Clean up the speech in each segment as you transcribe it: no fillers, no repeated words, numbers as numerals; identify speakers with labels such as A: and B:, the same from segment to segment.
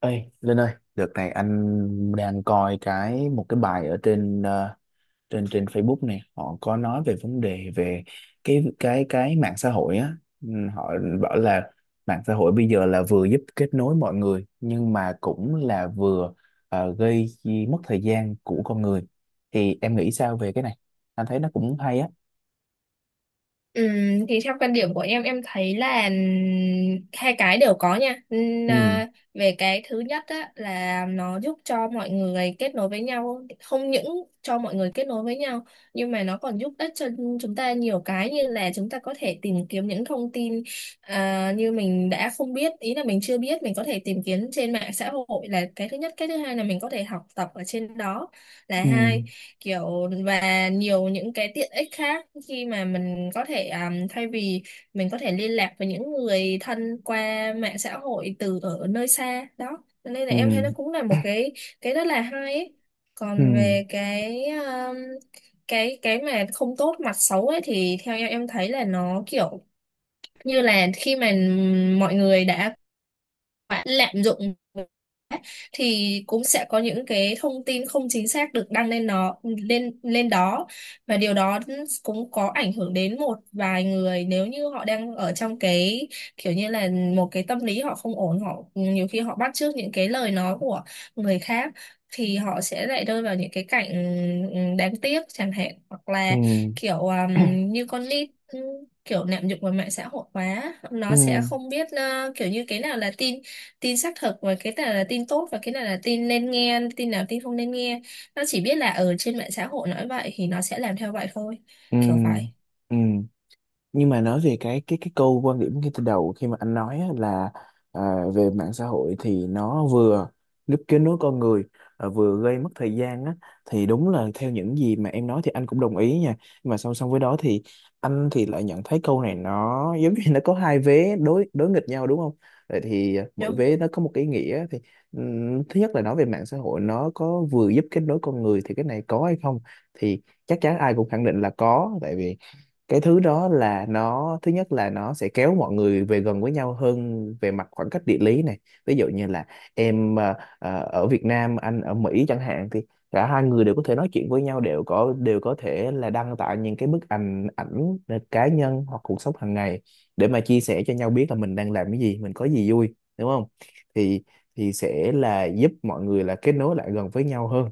A: Ê, Linh ơi, đợt này anh đang coi một cái bài ở trên trên trên Facebook này. Họ có nói về vấn đề về cái mạng xã hội á. Ừ. Họ bảo là mạng xã hội bây giờ là vừa giúp kết nối mọi người nhưng mà cũng là vừa gây mất thời gian của con người. Thì em nghĩ sao về cái này? Anh thấy nó cũng hay á.
B: Ừm, thì theo quan điểm của em thấy là hai cái đều có nha.
A: Ừ.
B: Về cái thứ nhất á, là nó giúp cho mọi người kết nối với nhau, không những cho mọi người kết nối với nhau, nhưng mà nó còn giúp ích cho chúng ta nhiều cái, như là chúng ta có thể tìm kiếm những thông tin như mình đã không biết, ý là mình chưa biết mình có thể tìm kiếm trên mạng xã hội, là cái thứ nhất. Cái thứ hai là mình có thể học tập ở trên đó, là
A: Ừ.
B: hai kiểu, và nhiều những cái tiện ích khác khi mà mình có thể thay vì mình có thể liên lạc với những người thân qua mạng xã hội từ ở nơi xa đó. Cho nên là
A: Ừ.
B: em thấy nó cũng là một cái rất là hay ấy.
A: Ừ.
B: Còn về cái mà không tốt, mặt xấu ấy, thì theo em thấy là nó kiểu như là khi mà mọi người đã quá lạm dụng thì cũng sẽ có những cái thông tin không chính xác được đăng lên, nó lên lên đó, và điều đó cũng có ảnh hưởng đến một vài người, nếu như họ đang ở trong cái kiểu như là một cái tâm lý họ không ổn, họ nhiều khi họ bắt chước những cái lời nói của người khác thì họ sẽ lại rơi vào những cái cảnh đáng tiếc chẳng hạn, hoặc
A: Ừ.
B: là
A: Ừ.
B: kiểu như con nít, kiểu lạm dụng vào mạng xã hội quá, nó sẽ
A: Ừ.
B: không biết kiểu như cái nào là tin tin xác thực, và cái nào là tin tốt, và cái nào là tin nên nghe, tin nào tin không nên nghe. Nó chỉ biết là ở trên mạng xã hội nói vậy thì nó sẽ làm theo vậy thôi,
A: Ừ.
B: kiểu vậy.
A: Ừ. Nhưng mà nói về cái câu quan điểm ngay từ đầu khi mà anh nói á, là à, về mạng xã hội thì nó vừa giúp kết nối con người, à, vừa gây mất thời gian á, thì đúng là theo những gì mà em nói thì anh cũng đồng ý nha. Nhưng mà song song với đó thì anh thì lại nhận thấy câu này nó giống như nó có hai vế đối đối nghịch nhau, đúng không? Vậy thì mỗi
B: Đúng không?
A: vế nó có một cái ý nghĩa thì thứ nhất là nói về mạng xã hội nó có vừa giúp kết nối con người thì cái này có hay không? Thì chắc chắn ai cũng khẳng định là có, tại vì cái thứ đó là nó thứ nhất là nó sẽ kéo mọi người về gần với nhau hơn về mặt khoảng cách địa lý này. Ví dụ như là em ở Việt Nam, anh ở Mỹ chẳng hạn, thì cả hai người đều có thể nói chuyện với nhau, đều có thể là đăng tải những cái bức ảnh ảnh cá nhân hoặc cuộc sống hàng ngày để mà chia sẻ cho nhau biết là mình đang làm cái gì, mình có gì vui, đúng không? Thì thì sẽ là giúp mọi người là kết nối lại gần với nhau hơn.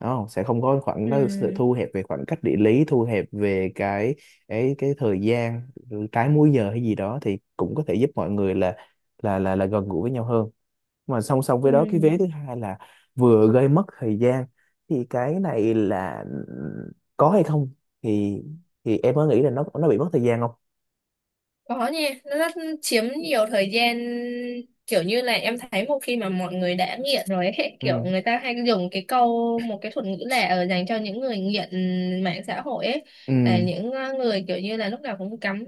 A: Đó, sẽ không có khoảng
B: Ừ,
A: nó sẽ thu hẹp về khoảng cách địa lý, thu hẹp về cái thời gian, trái múi giờ hay gì đó, thì cũng có thể giúp mọi người là là gần gũi với nhau hơn. Mà song song
B: ừ.
A: với đó, cái vế thứ hai là vừa gây mất thời gian thì cái này là có hay không? Thì thì em có nghĩ là nó bị mất thời gian không?
B: Có nhỉ, nó rất chiếm nhiều thời gian, kiểu như là em thấy một khi mà mọi người đã nghiện rồi ấy, kiểu
A: Ừ.
B: người ta hay dùng cái câu, một cái thuật ngữ là ở dành cho những người nghiện mạng xã hội ấy,
A: Ừ.
B: là những người kiểu như là lúc nào cũng cắm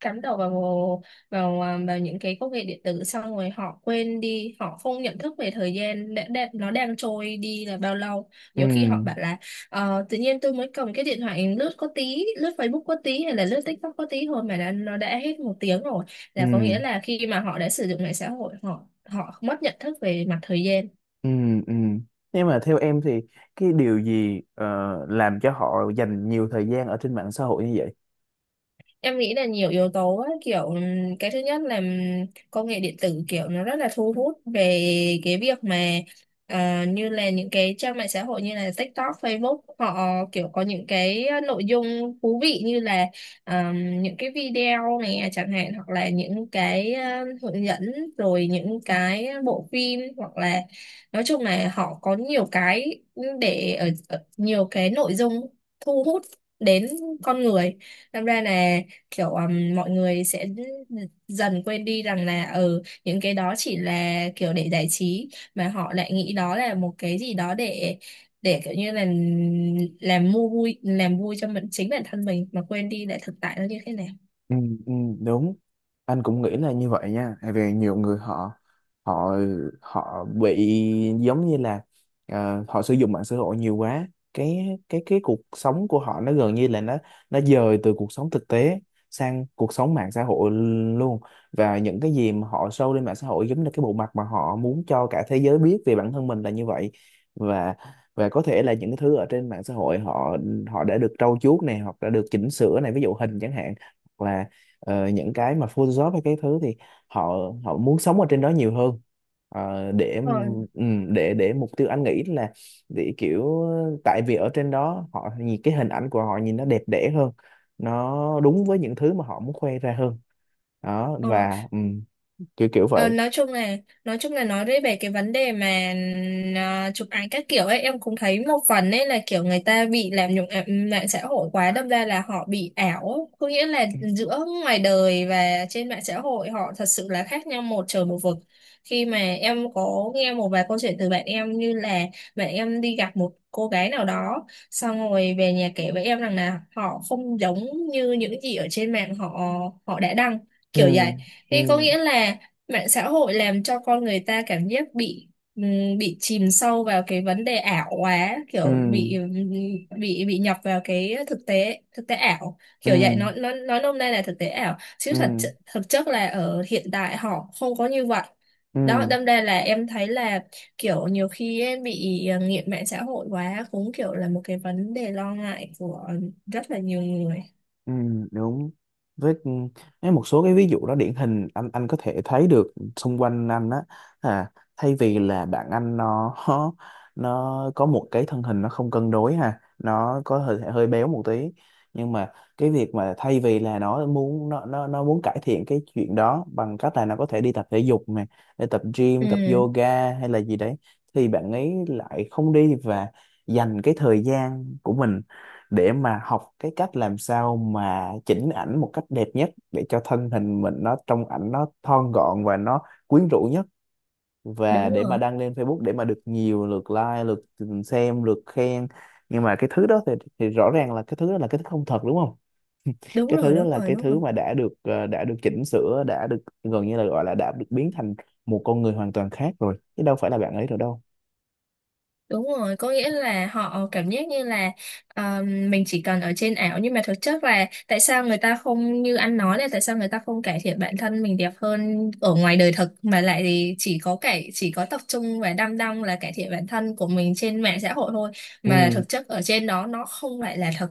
B: cắm đầu vào vào ờ, vào những cái công nghệ điện tử, xong rồi họ quên đi, họ không nhận thức về thời gian nó đang trôi đi là bao lâu.
A: Ừ.
B: Nhiều khi họ bảo là, ờ, tự nhiên tôi mới cầm cái điện thoại lướt có tí, lướt Facebook có tí, hay là lướt TikTok có tí thôi mà nó đã hết một tiếng rồi.
A: Ừ.
B: Là có nghĩa là khi mà họ đã sử dụng mạng xã hội, họ họ mất nhận thức về mặt thời gian.
A: Ừ, ừ. Nhưng mà theo em thì cái điều gì làm cho họ dành nhiều thời gian ở trên mạng xã hội như vậy?
B: Em nghĩ là nhiều yếu tố ấy, kiểu cái thứ nhất là công nghệ điện tử kiểu nó rất là thu hút về cái việc mà như là những cái trang mạng xã hội như là TikTok, Facebook, họ kiểu có những cái nội dung thú vị như là những cái video này chẳng hạn, hoặc là những cái hướng dẫn, rồi những cái bộ phim, hoặc là nói chung là họ có nhiều cái để ở nhiều cái nội dung thu hút đến con người. Làm ra là kiểu mọi người sẽ dần quên đi rằng là những cái đó chỉ là kiểu để giải trí, mà họ lại nghĩ đó là một cái gì đó để kiểu như là làm mua vui, làm vui cho chính bản thân mình, mà quên đi lại thực tại nó như thế nào.
A: Ừ, ừ, đúng. Anh cũng nghĩ là như vậy nha, tại vì nhiều người họ họ họ bị giống như là họ sử dụng mạng xã hội nhiều quá, cái cuộc sống của họ nó gần như là nó dời từ cuộc sống thực tế sang cuộc sống mạng xã hội luôn. Và những cái gì mà họ show lên mạng xã hội giống như cái bộ mặt mà họ muốn cho cả thế giới biết về bản thân mình là như vậy. Và và có thể là những cái thứ ở trên mạng xã hội, họ họ đã được trau chuốt này hoặc đã được chỉnh sửa này, ví dụ hình chẳng hạn, hoặc là những cái mà Photoshop hay cái thứ thì họ họ muốn sống ở trên đó nhiều hơn. Ờ, để để mục tiêu anh nghĩ là để kiểu tại vì ở trên đó họ nhìn cái hình ảnh của họ nhìn nó đẹp đẽ hơn, nó đúng với những thứ mà họ muốn khoe ra hơn. Đó,
B: Ờ,
A: và kiểu kiểu
B: ờ,
A: vậy.
B: nói chung là, nói về cái vấn đề mà chụp ảnh các kiểu ấy, em cũng thấy một phần ấy là kiểu người ta bị làm nhục mạng xã hội quá, đâm ra là họ bị ảo, có nghĩa là giữa ngoài đời và trên mạng xã hội họ thật sự là khác nhau một trời một vực. Khi mà em có nghe một vài câu chuyện từ bạn em, như là bạn em đi gặp một cô gái nào đó, xong rồi về nhà kể với em rằng là họ không giống như những gì ở trên mạng họ họ đã đăng,
A: Ừ.
B: kiểu vậy.
A: Ừ.
B: Thế có nghĩa là mạng xã hội làm cho con người ta cảm giác bị chìm sâu vào cái vấn đề ảo quá,
A: Ừ.
B: kiểu bị, bị nhập vào cái thực tế ảo.
A: Ừ.
B: Kiểu vậy, nó nói nôm na là thực tế ảo, chứ
A: Ừ.
B: thật thực chất là ở hiện tại họ không có như vậy.
A: Ừ.
B: Đó, đâm ra là em thấy là kiểu nhiều khi em bị nghiện mạng xã hội quá, cũng kiểu là một cái vấn đề lo ngại của rất là nhiều người.
A: Ừ, đúng. Với ừ, với một số cái ví dụ đó điển hình, anh có thể thấy được xung quanh anh á. à, Thay vì là bạn anh, nó nó có một cái thân hình nó không cân đối, ha. Nó có hơi hơi béo một tí nhưng mà cái việc mà thay vì là nó muốn cải thiện cái chuyện đó bằng cách là nó có thể đi tập thể dục này, để tập
B: Ừ,
A: gym, tập yoga hay là gì đấy, thì bạn ấy lại không đi và dành cái thời gian của mình để mà học cái cách làm sao mà chỉnh ảnh một cách đẹp nhất để cho thân hình mình nó trong ảnh nó thon gọn và nó quyến rũ nhất và
B: đúng
A: để mà
B: rồi.
A: đăng lên Facebook để mà được nhiều lượt like, lượt xem, lượt khen. Nhưng mà cái thứ đó thì, rõ ràng là cái thứ đó là cái thứ không thật, đúng không?
B: Đúng
A: Cái
B: rồi,
A: thứ đó
B: đúng
A: là
B: rồi, đúng rồi,
A: cái
B: đúng
A: thứ
B: rồi.
A: mà đã được đã được chỉnh sửa, đã được gần như là gọi là đã được biến thành một con người hoàn toàn khác rồi chứ đâu phải là bạn ấy rồi đâu.
B: Đúng rồi, có nghĩa là họ cảm giác như là, ờ, mình chỉ cần ở trên ảo, nhưng mà thực chất là tại sao người ta không, như anh nói là tại sao người ta không cải thiện bản thân mình đẹp hơn ở ngoài đời thực, mà lại thì chỉ có chỉ có tập trung và đăm đăm là cải thiện bản thân của mình trên mạng xã hội thôi, mà
A: Ừ.
B: thực chất ở trên đó nó không phải là thật.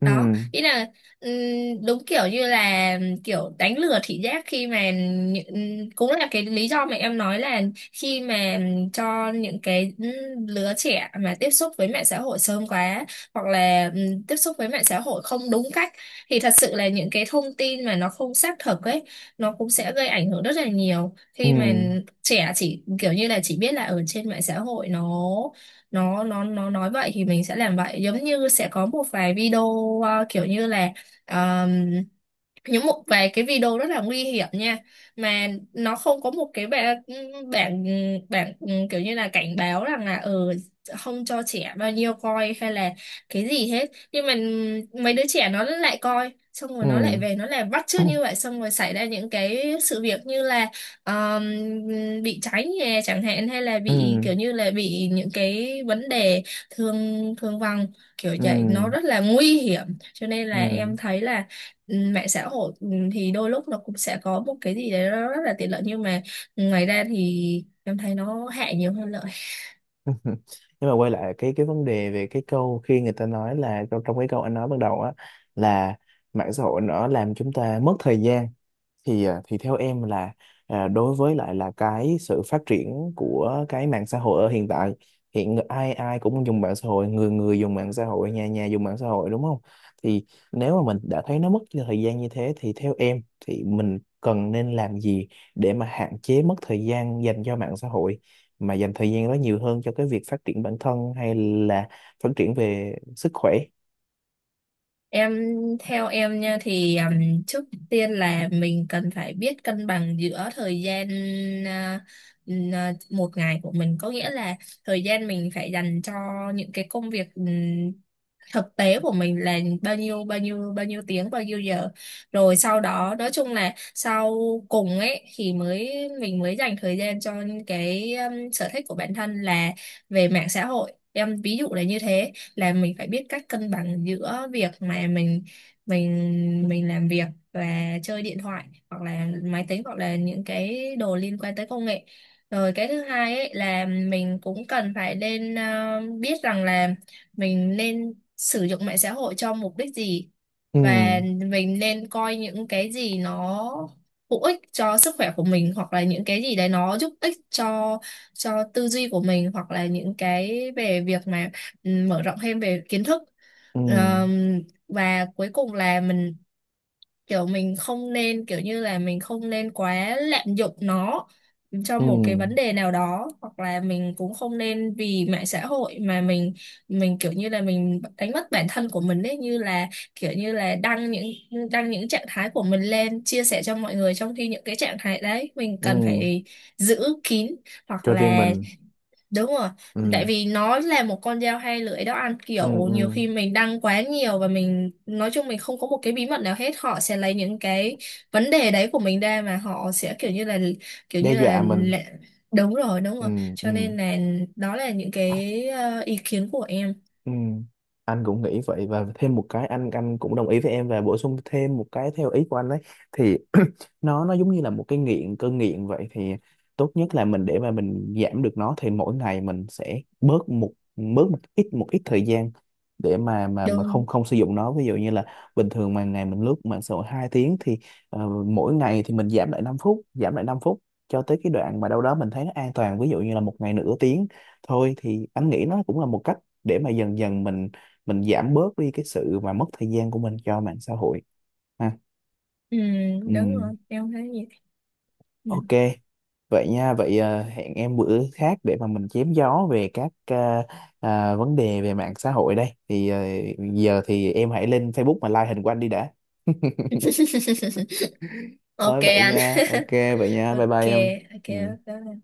A: Ừ.
B: Đó nghĩa là đúng kiểu như là kiểu đánh lừa thị giác, khi mà cũng là cái lý do mà em nói là, khi mà cho những cái lứa trẻ mà tiếp xúc với mạng xã hội sớm quá, hoặc là tiếp xúc với mạng xã hội không đúng cách, thì thật sự là những cái thông tin mà nó không xác thực ấy, nó cũng sẽ gây ảnh hưởng rất là nhiều,
A: Ừ.
B: khi mà trẻ chỉ kiểu như là chỉ biết là ở trên mạng xã hội nó nói vậy thì mình sẽ làm vậy, giống như sẽ có một vài video kiểu như là những một vài cái video rất là nguy hiểm nha, mà nó không có một cái bảng bảng bảng kiểu như là cảnh báo rằng là, ờ, không cho trẻ bao nhiêu coi hay là cái gì hết. Nhưng mà mấy đứa trẻ nó lại coi, xong rồi nó lại
A: Ừ.
B: về nó lại bắt chước như vậy, xong rồi xảy ra những cái sự việc như là um, bị cháy nhà chẳng hạn, hay là
A: Ừ.
B: bị kiểu như là bị những cái vấn đề thương thương vong, kiểu vậy, nó
A: Ừ.
B: rất là nguy hiểm. Cho nên
A: Ừ.
B: là
A: Ừ.
B: em thấy là, ừ, mạng xã hội, ừ, thì đôi lúc nó cũng sẽ có một cái gì đấy nó rất là tiện lợi, nhưng mà ngoài ra thì em thấy nó hại nhiều hơn lợi.
A: Nhưng mà quay lại cái vấn đề về cái câu khi người ta nói là trong cái câu anh nói ban đầu á, là mạng xã hội nó làm chúng ta mất thời gian thì thì theo em là đối với lại là cái sự phát triển của cái mạng xã hội ở hiện tại, hiện ai ai cũng dùng mạng xã hội, người người dùng mạng xã hội, nhà nhà dùng mạng xã hội, đúng không? Thì nếu mà mình đã thấy nó mất thời gian như thế thì theo em thì mình cần nên làm gì để mà hạn chế mất thời gian dành cho mạng xã hội mà dành thời gian đó nhiều hơn cho cái việc phát triển bản thân hay là phát triển về sức khỏe?
B: em Theo em nha thì trước tiên là mình cần phải biết cân bằng giữa thời gian, à, một ngày của mình, có nghĩa là thời gian mình phải dành cho những cái công việc thực tế của mình là bao nhiêu, bao nhiêu tiếng, bao nhiêu giờ, rồi sau đó nói chung là sau cùng ấy thì mình mới dành thời gian cho cái sở thích của bản thân, là về mạng xã hội, em ví dụ là như thế, là mình phải biết cách cân bằng giữa việc mà mình mình làm việc và chơi điện thoại, hoặc là máy tính, hoặc là những cái đồ liên quan tới công nghệ. Rồi cái thứ hai ấy là mình cũng cần phải nên biết rằng là mình nên sử dụng mạng xã hội cho mục đích gì,
A: Ừ.
B: và mình nên coi những cái gì nó hữu ích cho sức khỏe của mình, hoặc là những cái gì đấy nó giúp ích cho tư duy của mình, hoặc là những cái về việc mà, ừ, mở rộng thêm về kiến thức.
A: Ừ.
B: Ờm, và cuối cùng là mình kiểu mình không nên, kiểu như là mình không nên quá lạm dụng nó cho
A: Ừ.
B: một cái vấn đề nào đó, hoặc là mình cũng không nên vì mạng xã hội mà mình kiểu như là mình đánh mất bản thân của mình ấy, như là kiểu như là đăng những trạng thái của mình lên chia sẻ cho mọi người, trong khi những cái trạng thái đấy mình cần
A: Ừ.
B: phải giữ kín, hoặc
A: Cho riêng
B: là.
A: mình.
B: Đúng rồi, tại
A: Ừ.
B: vì nó là một con dao hai lưỡi đó anh,
A: Ừ.
B: kiểu nhiều
A: Ừ.
B: khi mình đăng quá nhiều và mình nói chung mình không có một cái bí mật nào hết, họ sẽ lấy những cái vấn đề đấy của mình ra mà họ sẽ kiểu như là, kiểu
A: Đe
B: như là,
A: dọa mình.
B: là. Đúng rồi, đúng
A: Ừ.
B: rồi,
A: Ừ.
B: cho nên là đó là những cái ý kiến của em.
A: Ừ, anh cũng nghĩ vậy và thêm một cái, anh cũng đồng ý với em và bổ sung thêm một cái theo ý của anh đấy thì nó giống như là một cái nghiện, cơn nghiện vậy thì tốt nhất là mình để mà mình giảm được nó thì mỗi ngày mình sẽ bớt một ít thời gian để mà không
B: Đúng.
A: không sử dụng nó. Ví dụ như là bình thường mà ngày mình lướt mạng xã hội 2 tiếng thì mỗi ngày thì mình giảm lại 5 phút, giảm lại 5 phút cho tới cái đoạn mà đâu đó mình thấy nó an toàn, ví dụ như là một ngày nửa tiếng thôi, thì anh nghĩ nó cũng là một cách để mà dần dần mình giảm bớt đi cái sự mà mất thời gian của mình cho mạng xã hội, ha.
B: ừ, Đúng
A: Ừ,
B: rồi em thấy gì. Ừ.
A: ok. Vậy nha, vậy hẹn em bữa khác để mà mình chém gió về các vấn đề về mạng xã hội đây thì giờ thì em hãy lên Facebook mà like hình của anh đi đã. Thôi
B: Ok
A: vậy
B: anh.
A: nha, ok, vậy nha, bye bye
B: Ok.
A: em. Ừ.
B: Ok.